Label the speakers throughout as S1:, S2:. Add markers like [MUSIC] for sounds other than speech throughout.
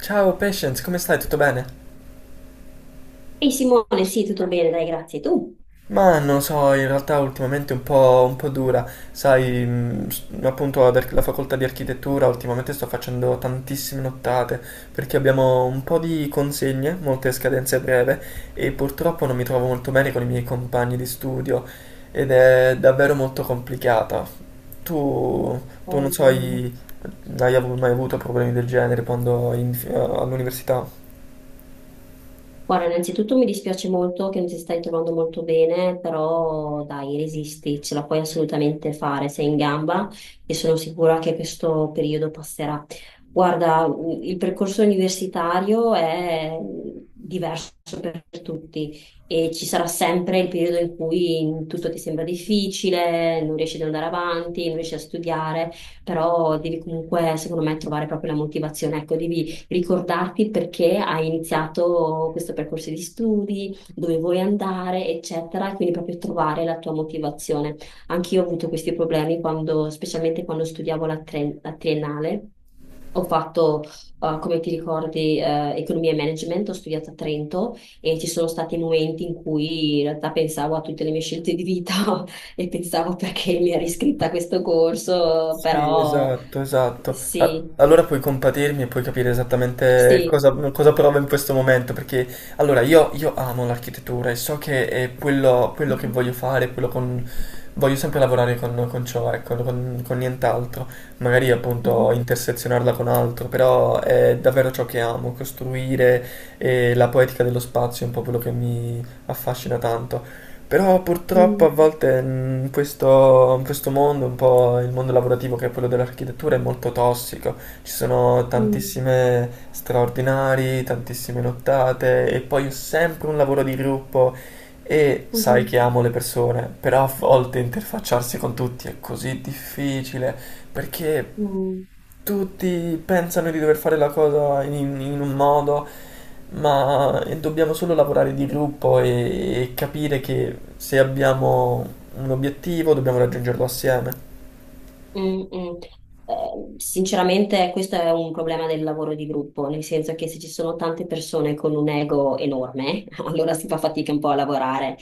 S1: Ciao Patience, come stai? Tutto bene?
S2: Ehi Simone, sì, tutto bene, dai, grazie. Tu?
S1: Ma non so, in realtà ultimamente un po' dura, sai, appunto la facoltà di architettura ultimamente sto facendo tantissime nottate perché abbiamo un po' di consegne, molte scadenze a breve e purtroppo non mi trovo molto bene con i miei compagni di studio ed è davvero molto complicata. Tu, tu non
S2: Poi,
S1: so, mai avuto problemi del genere quando all'università?
S2: guarda, innanzitutto mi dispiace molto che non ti stai trovando molto bene, però dai, resisti, ce la puoi assolutamente fare, sei in gamba e sono sicura che questo periodo passerà. Guarda, il percorso universitario è diverso per tutti e ci sarà sempre il periodo in cui tutto ti sembra difficile, non riesci ad andare avanti, non riesci a studiare, però devi comunque, secondo me, trovare proprio la motivazione. Ecco, devi ricordarti perché hai iniziato questo percorso di studi, dove vuoi andare, eccetera, e quindi proprio trovare la tua motivazione. Anch'io ho avuto questi problemi quando, specialmente quando studiavo la triennale. Ho fatto, come ti ricordi, economia e management, ho studiato a Trento e ci sono stati momenti in cui in realtà pensavo a tutte le mie scelte di vita [LAUGHS] e pensavo perché mi ero iscritta a questo corso,
S1: Sì,
S2: però
S1: esatto, esatto.
S2: sì,
S1: Allora puoi compatirmi e puoi capire esattamente
S2: sì.
S1: cosa provo in questo momento, perché allora io amo l'architettura e so che è quello che
S2: Mhm,
S1: voglio fare, quello con... voglio sempre lavorare con ciò, ecco, con nient'altro, magari appunto
S2: mhm.
S1: intersezionarla con altro, però è davvero ciò che amo, costruire e la poetica dello spazio è un po' quello che mi affascina tanto. Però purtroppo a volte in questo mondo, un po' il mondo lavorativo che è quello dell'architettura, è molto tossico. Ci sono
S2: 嗯嗯嗯哼嗯。
S1: tantissime straordinari, tantissime nottate e poi è sempre un lavoro di gruppo e sai che amo le persone, però a volte interfacciarsi con tutti è così difficile perché tutti pensano di dover fare la cosa in un modo, ma dobbiamo solo lavorare di gruppo e capire che se abbiamo un obiettivo dobbiamo raggiungerlo assieme.
S2: Mm, mm. Sinceramente questo è un problema del lavoro di gruppo, nel senso che se ci sono tante persone con un ego enorme, [LAUGHS] allora si fa fatica un po' a lavorare.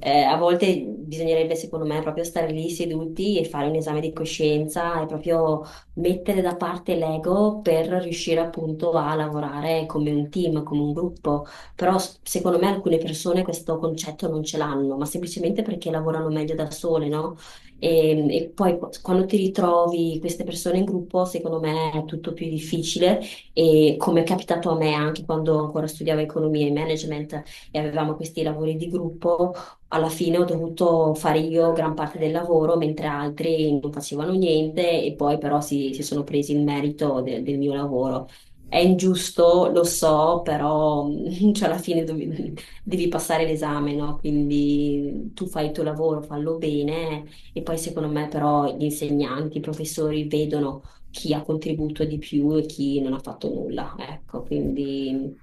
S2: A volte bisognerebbe, secondo me, proprio stare lì seduti e fare un esame di coscienza e proprio mettere da parte l'ego per riuscire appunto a lavorare come un team, come un gruppo. Però secondo me alcune persone questo concetto non ce l'hanno, ma semplicemente perché lavorano meglio da sole, no? E poi quando ti ritrovi queste persone in gruppo, secondo me è tutto più difficile. E come è capitato a me anche quando ancora studiavo economia e management e avevamo questi lavori di gruppo, alla fine ho dovuto fare io gran parte del lavoro, mentre altri non facevano niente e poi però si sono presi il merito del mio lavoro. È ingiusto, lo so, però [LAUGHS] cioè, alla fine devi passare l'esame, no? Quindi tu fai il tuo lavoro, fallo bene e poi secondo me però gli insegnanti, i professori vedono chi ha contribuito di più e chi non ha fatto nulla, ecco, quindi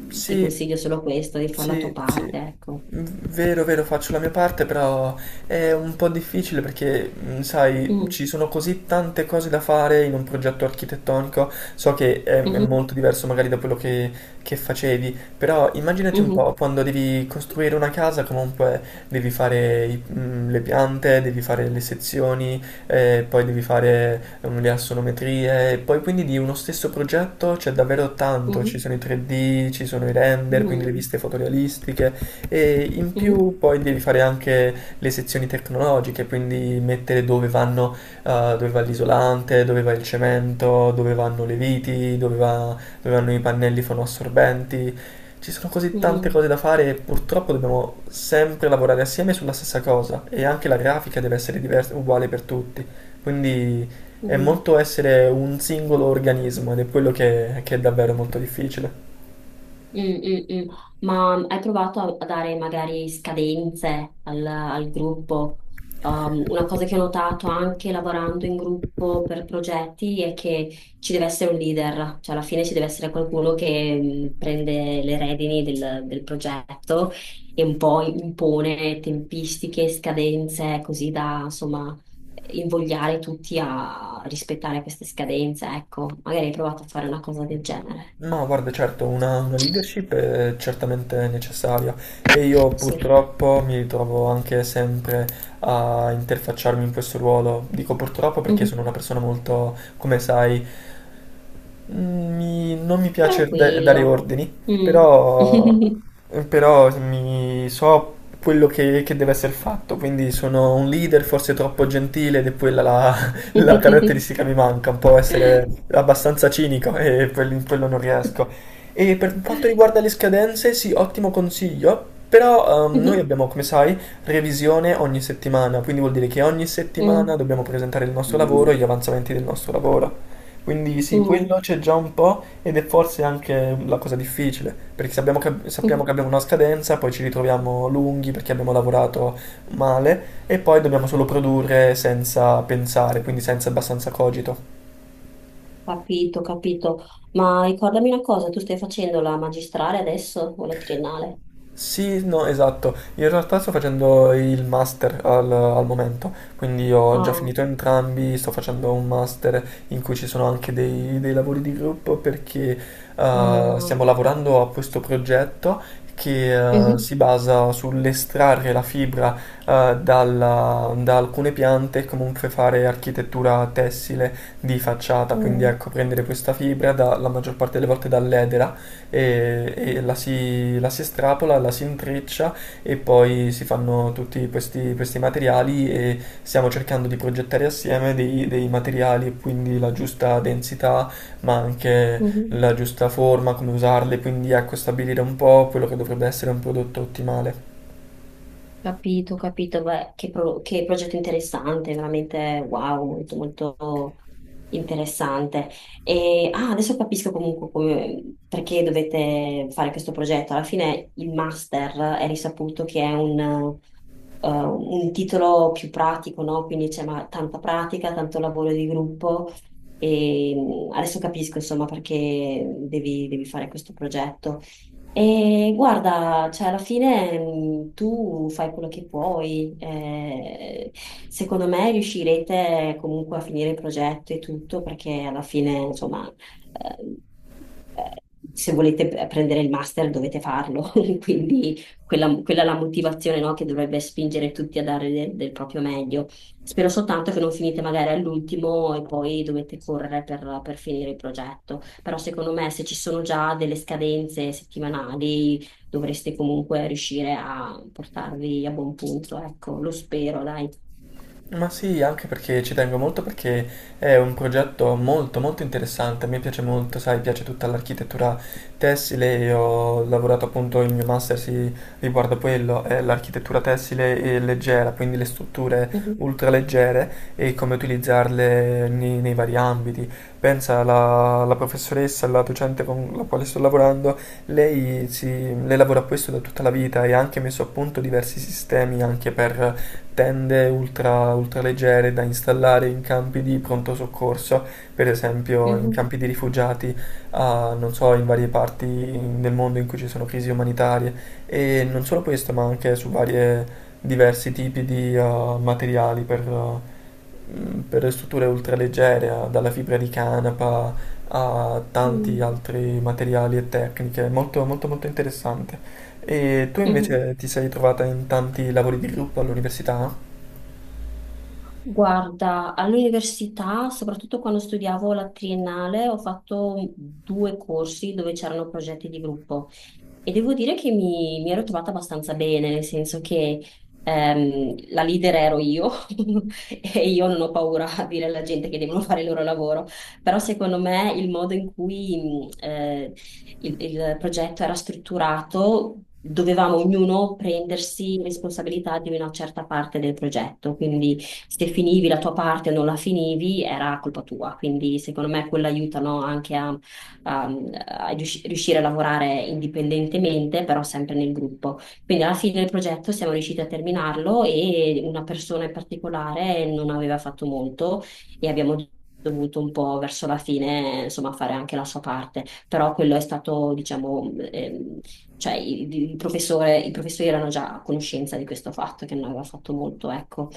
S2: ti
S1: Sì,
S2: consiglio solo questo, di fare la tua
S1: sì,
S2: parte,
S1: sì.
S2: ecco.
S1: Vero, vero, faccio la mia parte, però è un po' difficile perché, sai, ci
S2: Mm,
S1: sono così tante cose da fare in un progetto architettonico. So che è
S2: mhm,
S1: molto diverso magari da quello che facevi, però immaginati un
S2: mhm,
S1: po', quando devi costruire una casa, comunque devi fare le piante, devi fare le sezioni, poi devi fare le assonometrie, e poi quindi di uno stesso progetto c'è davvero tanto, ci
S2: mhm,
S1: sono i 3D, ci sono i render, quindi le
S2: mhm,
S1: viste fotorealistiche e in
S2: mhm,
S1: più poi devi fare anche le sezioni tecnologiche, quindi mettere dove vanno, dove va l'isolante, dove va il cemento, dove vanno le viti, dove vanno i pannelli fonoassorbenti ci sono così tante
S2: mhm,
S1: cose da fare e purtroppo dobbiamo sempre lavorare assieme sulla stessa cosa e anche la grafica deve essere uguale per tutti, quindi è
S2: mhm.
S1: molto essere un singolo organismo ed è quello che è davvero molto difficile.
S2: Mm, mm, mm. Ma hai provato a dare magari scadenze al gruppo? Una cosa che ho notato anche lavorando in gruppo per progetti è che ci deve essere un leader, cioè alla fine ci deve essere qualcuno che prende le redini del progetto e un po' impone tempistiche, scadenze, così da insomma invogliare tutti a rispettare queste scadenze. Ecco, magari hai provato a fare una cosa del genere.
S1: No, guarda, certo, una leadership è certamente necessaria e io
S2: Sì.
S1: purtroppo mi ritrovo anche sempre a interfacciarmi in questo ruolo. Dico purtroppo perché sono una persona molto, come sai, non mi piace dare
S2: Tranquillo.
S1: ordini,
S2: Mm.
S1: però,
S2: [LAUGHS]
S1: però mi so quello che deve essere fatto, quindi sono un leader forse troppo gentile ed è quella la, [LAUGHS] la caratteristica che mi manca, un po' essere abbastanza cinico e in quello non riesco. E per quanto riguarda le scadenze, sì, ottimo consiglio, però noi abbiamo, come sai, revisione ogni settimana, quindi vuol dire che ogni
S2: Mm,
S1: settimana dobbiamo presentare il nostro lavoro e gli avanzamenti del nostro lavoro. Quindi sì,
S2: mm,
S1: quello c'è già un po' ed è forse anche la cosa difficile, perché sappiamo
S2: mm.
S1: che abbiamo una scadenza, poi ci ritroviamo lunghi perché abbiamo lavorato male e poi dobbiamo solo produrre senza pensare, quindi senza abbastanza cogito.
S2: Capito, capito. Ma ricordami una cosa, tu stai facendo la magistrale adesso o la triennale?
S1: Sì, no, esatto. In realtà sto facendo il master al momento, quindi ho già
S2: Ah,
S1: finito entrambi, sto facendo un master in cui ci sono anche dei lavori di gruppo perché
S2: ah.
S1: stiamo lavorando a questo progetto che
S2: Mhm.
S1: si basa sull'estrarre la fibra da alcune piante e comunque fare architettura tessile di facciata, quindi
S2: Mm,
S1: ecco prendere questa fibra la maggior parte delle volte dall'edera e, si, la si estrapola, la si intreccia e poi si fanno tutti questi materiali e stiamo cercando di progettare assieme dei materiali e quindi la giusta densità ma anche
S2: mhm.
S1: la giusta forma, come usarle, quindi ecco stabilire un po' quello che dovrebbe essere un prodotto ottimale.
S2: Capito, capito, beh, che, che progetto interessante, veramente wow, molto molto interessante. E ah, adesso capisco comunque perché dovete fare questo progetto. Alla fine il master è risaputo che è un titolo più pratico, no? Quindi c'è tanta pratica, tanto lavoro di gruppo e adesso capisco, insomma, perché devi, devi fare questo progetto. E guarda, cioè, alla fine tu fai quello che puoi. Secondo me riuscirete comunque a finire il progetto e tutto, perché alla fine, insomma, eh, eh, se volete prendere il master dovete farlo. [LAUGHS] Quindi quella, quella è la motivazione, no, che dovrebbe spingere tutti a dare del proprio meglio. Spero soltanto che non finite magari all'ultimo e poi dovete correre per finire il progetto. Però secondo me se ci sono già delle scadenze settimanali dovreste comunque riuscire a portarvi a buon punto. Ecco, lo spero, dai.
S1: Ma sì, anche perché ci tengo molto perché è un progetto molto molto interessante, a me piace molto, sai, piace tutta l'architettura tessile e ho lavorato appunto, il mio master si riguarda quello, è l'architettura tessile e leggera, quindi le strutture
S2: Mhm,
S1: ultraleggere e come utilizzarle nei vari ambiti. Pensa alla professoressa, alla docente con la quale sto lavorando, lei, si, lei lavora a questo da tutta la vita e ha anche messo a punto diversi sistemi anche per Tende ultraleggere da installare in campi di pronto soccorso, per esempio in
S2: mhm,
S1: campi di rifugiati, a non so, in varie parti del mondo in cui ci sono crisi umanitarie. E non solo questo, ma anche su varie diversi tipi di materiali per, per strutture ultraleggere, dalla fibra di canapa a tanti
S2: mhm,
S1: altri materiali e tecniche. Molto, molto, molto interessante. E tu
S2: mhm.
S1: invece ti sei trovata in tanti lavori di gruppo all'università?
S2: Guarda, all'università, soprattutto quando studiavo la triennale, ho fatto due corsi dove c'erano progetti di gruppo e devo dire che mi ero trovata abbastanza bene, nel senso che la leader ero io [LAUGHS] e io non ho paura a dire alla gente che devono fare il loro lavoro, però secondo me il modo in cui il progetto era strutturato dovevamo ognuno prendersi responsabilità di una certa parte del progetto, quindi se finivi la tua parte o non la finivi era colpa tua, quindi secondo me quello aiuta, no, anche a- a riuscire a lavorare indipendentemente, però sempre nel gruppo. Quindi alla fine del progetto siamo riusciti a terminarlo e una persona in particolare non aveva fatto molto e abbiamo dovuto un po' verso la fine, insomma, fare anche la sua parte, però quello è stato, diciamo, cioè il professore, i professori erano già a conoscenza di questo fatto, che non aveva fatto molto, ecco.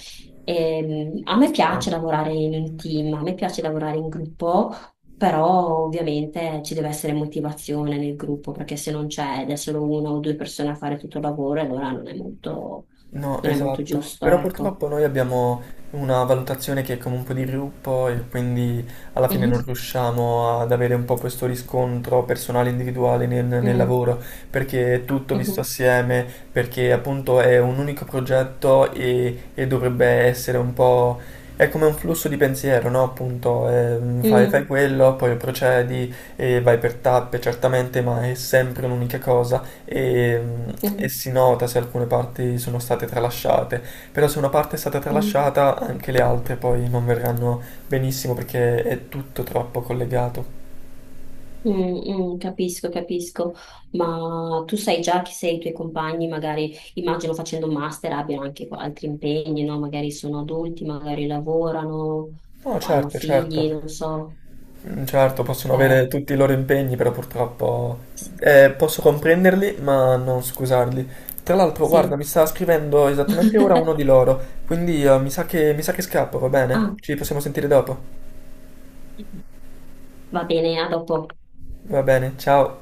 S2: A me
S1: Ah,
S2: piace lavorare in un team, a me piace lavorare in gruppo, però ovviamente ci deve essere motivazione nel gruppo, perché se non c'è ed è solo una o due persone a fare tutto il lavoro, allora non è molto,
S1: no,
S2: non è molto
S1: esatto,
S2: giusto,
S1: però
S2: ecco.
S1: purtroppo noi abbiamo una valutazione che è come un po' di gruppo e quindi alla fine non
S2: Mhm.
S1: riusciamo ad avere un po' questo riscontro personale individuale nel
S2: Mm.
S1: lavoro perché è tutto visto
S2: Mhm.
S1: assieme, perché appunto è un unico progetto e dovrebbe essere un po'... è come un flusso di pensiero, no? Appunto, fai
S2: Mm.
S1: quello, poi procedi e vai per tappe, certamente, ma è sempre un'unica cosa e, e
S2: Mhm.
S1: si nota se alcune parti sono state tralasciate, però se una parte è stata
S2: Mm.
S1: tralasciata anche le altre poi non verranno benissimo perché è tutto troppo collegato.
S2: Mm, mm, capisco, capisco, ma tu sai già che se i tuoi compagni, magari immagino facendo un master, abbiano anche altri impegni, no? Magari sono adulti, magari lavorano,
S1: No,
S2: o hanno
S1: certo,
S2: figli,
S1: certo.
S2: non so.
S1: Mm, certo, possono
S2: Eh,
S1: avere tutti i loro impegni, però purtroppo
S2: sì.
S1: posso comprenderli, ma non scusarli. Tra l'altro, guarda,
S2: Sì.
S1: mi sta scrivendo esattamente ora uno di
S2: [LAUGHS]
S1: loro, quindi mi sa che scappo, va bene?
S2: Ah,
S1: Ci possiamo sentire dopo.
S2: va bene, a dopo.
S1: Va bene, ciao.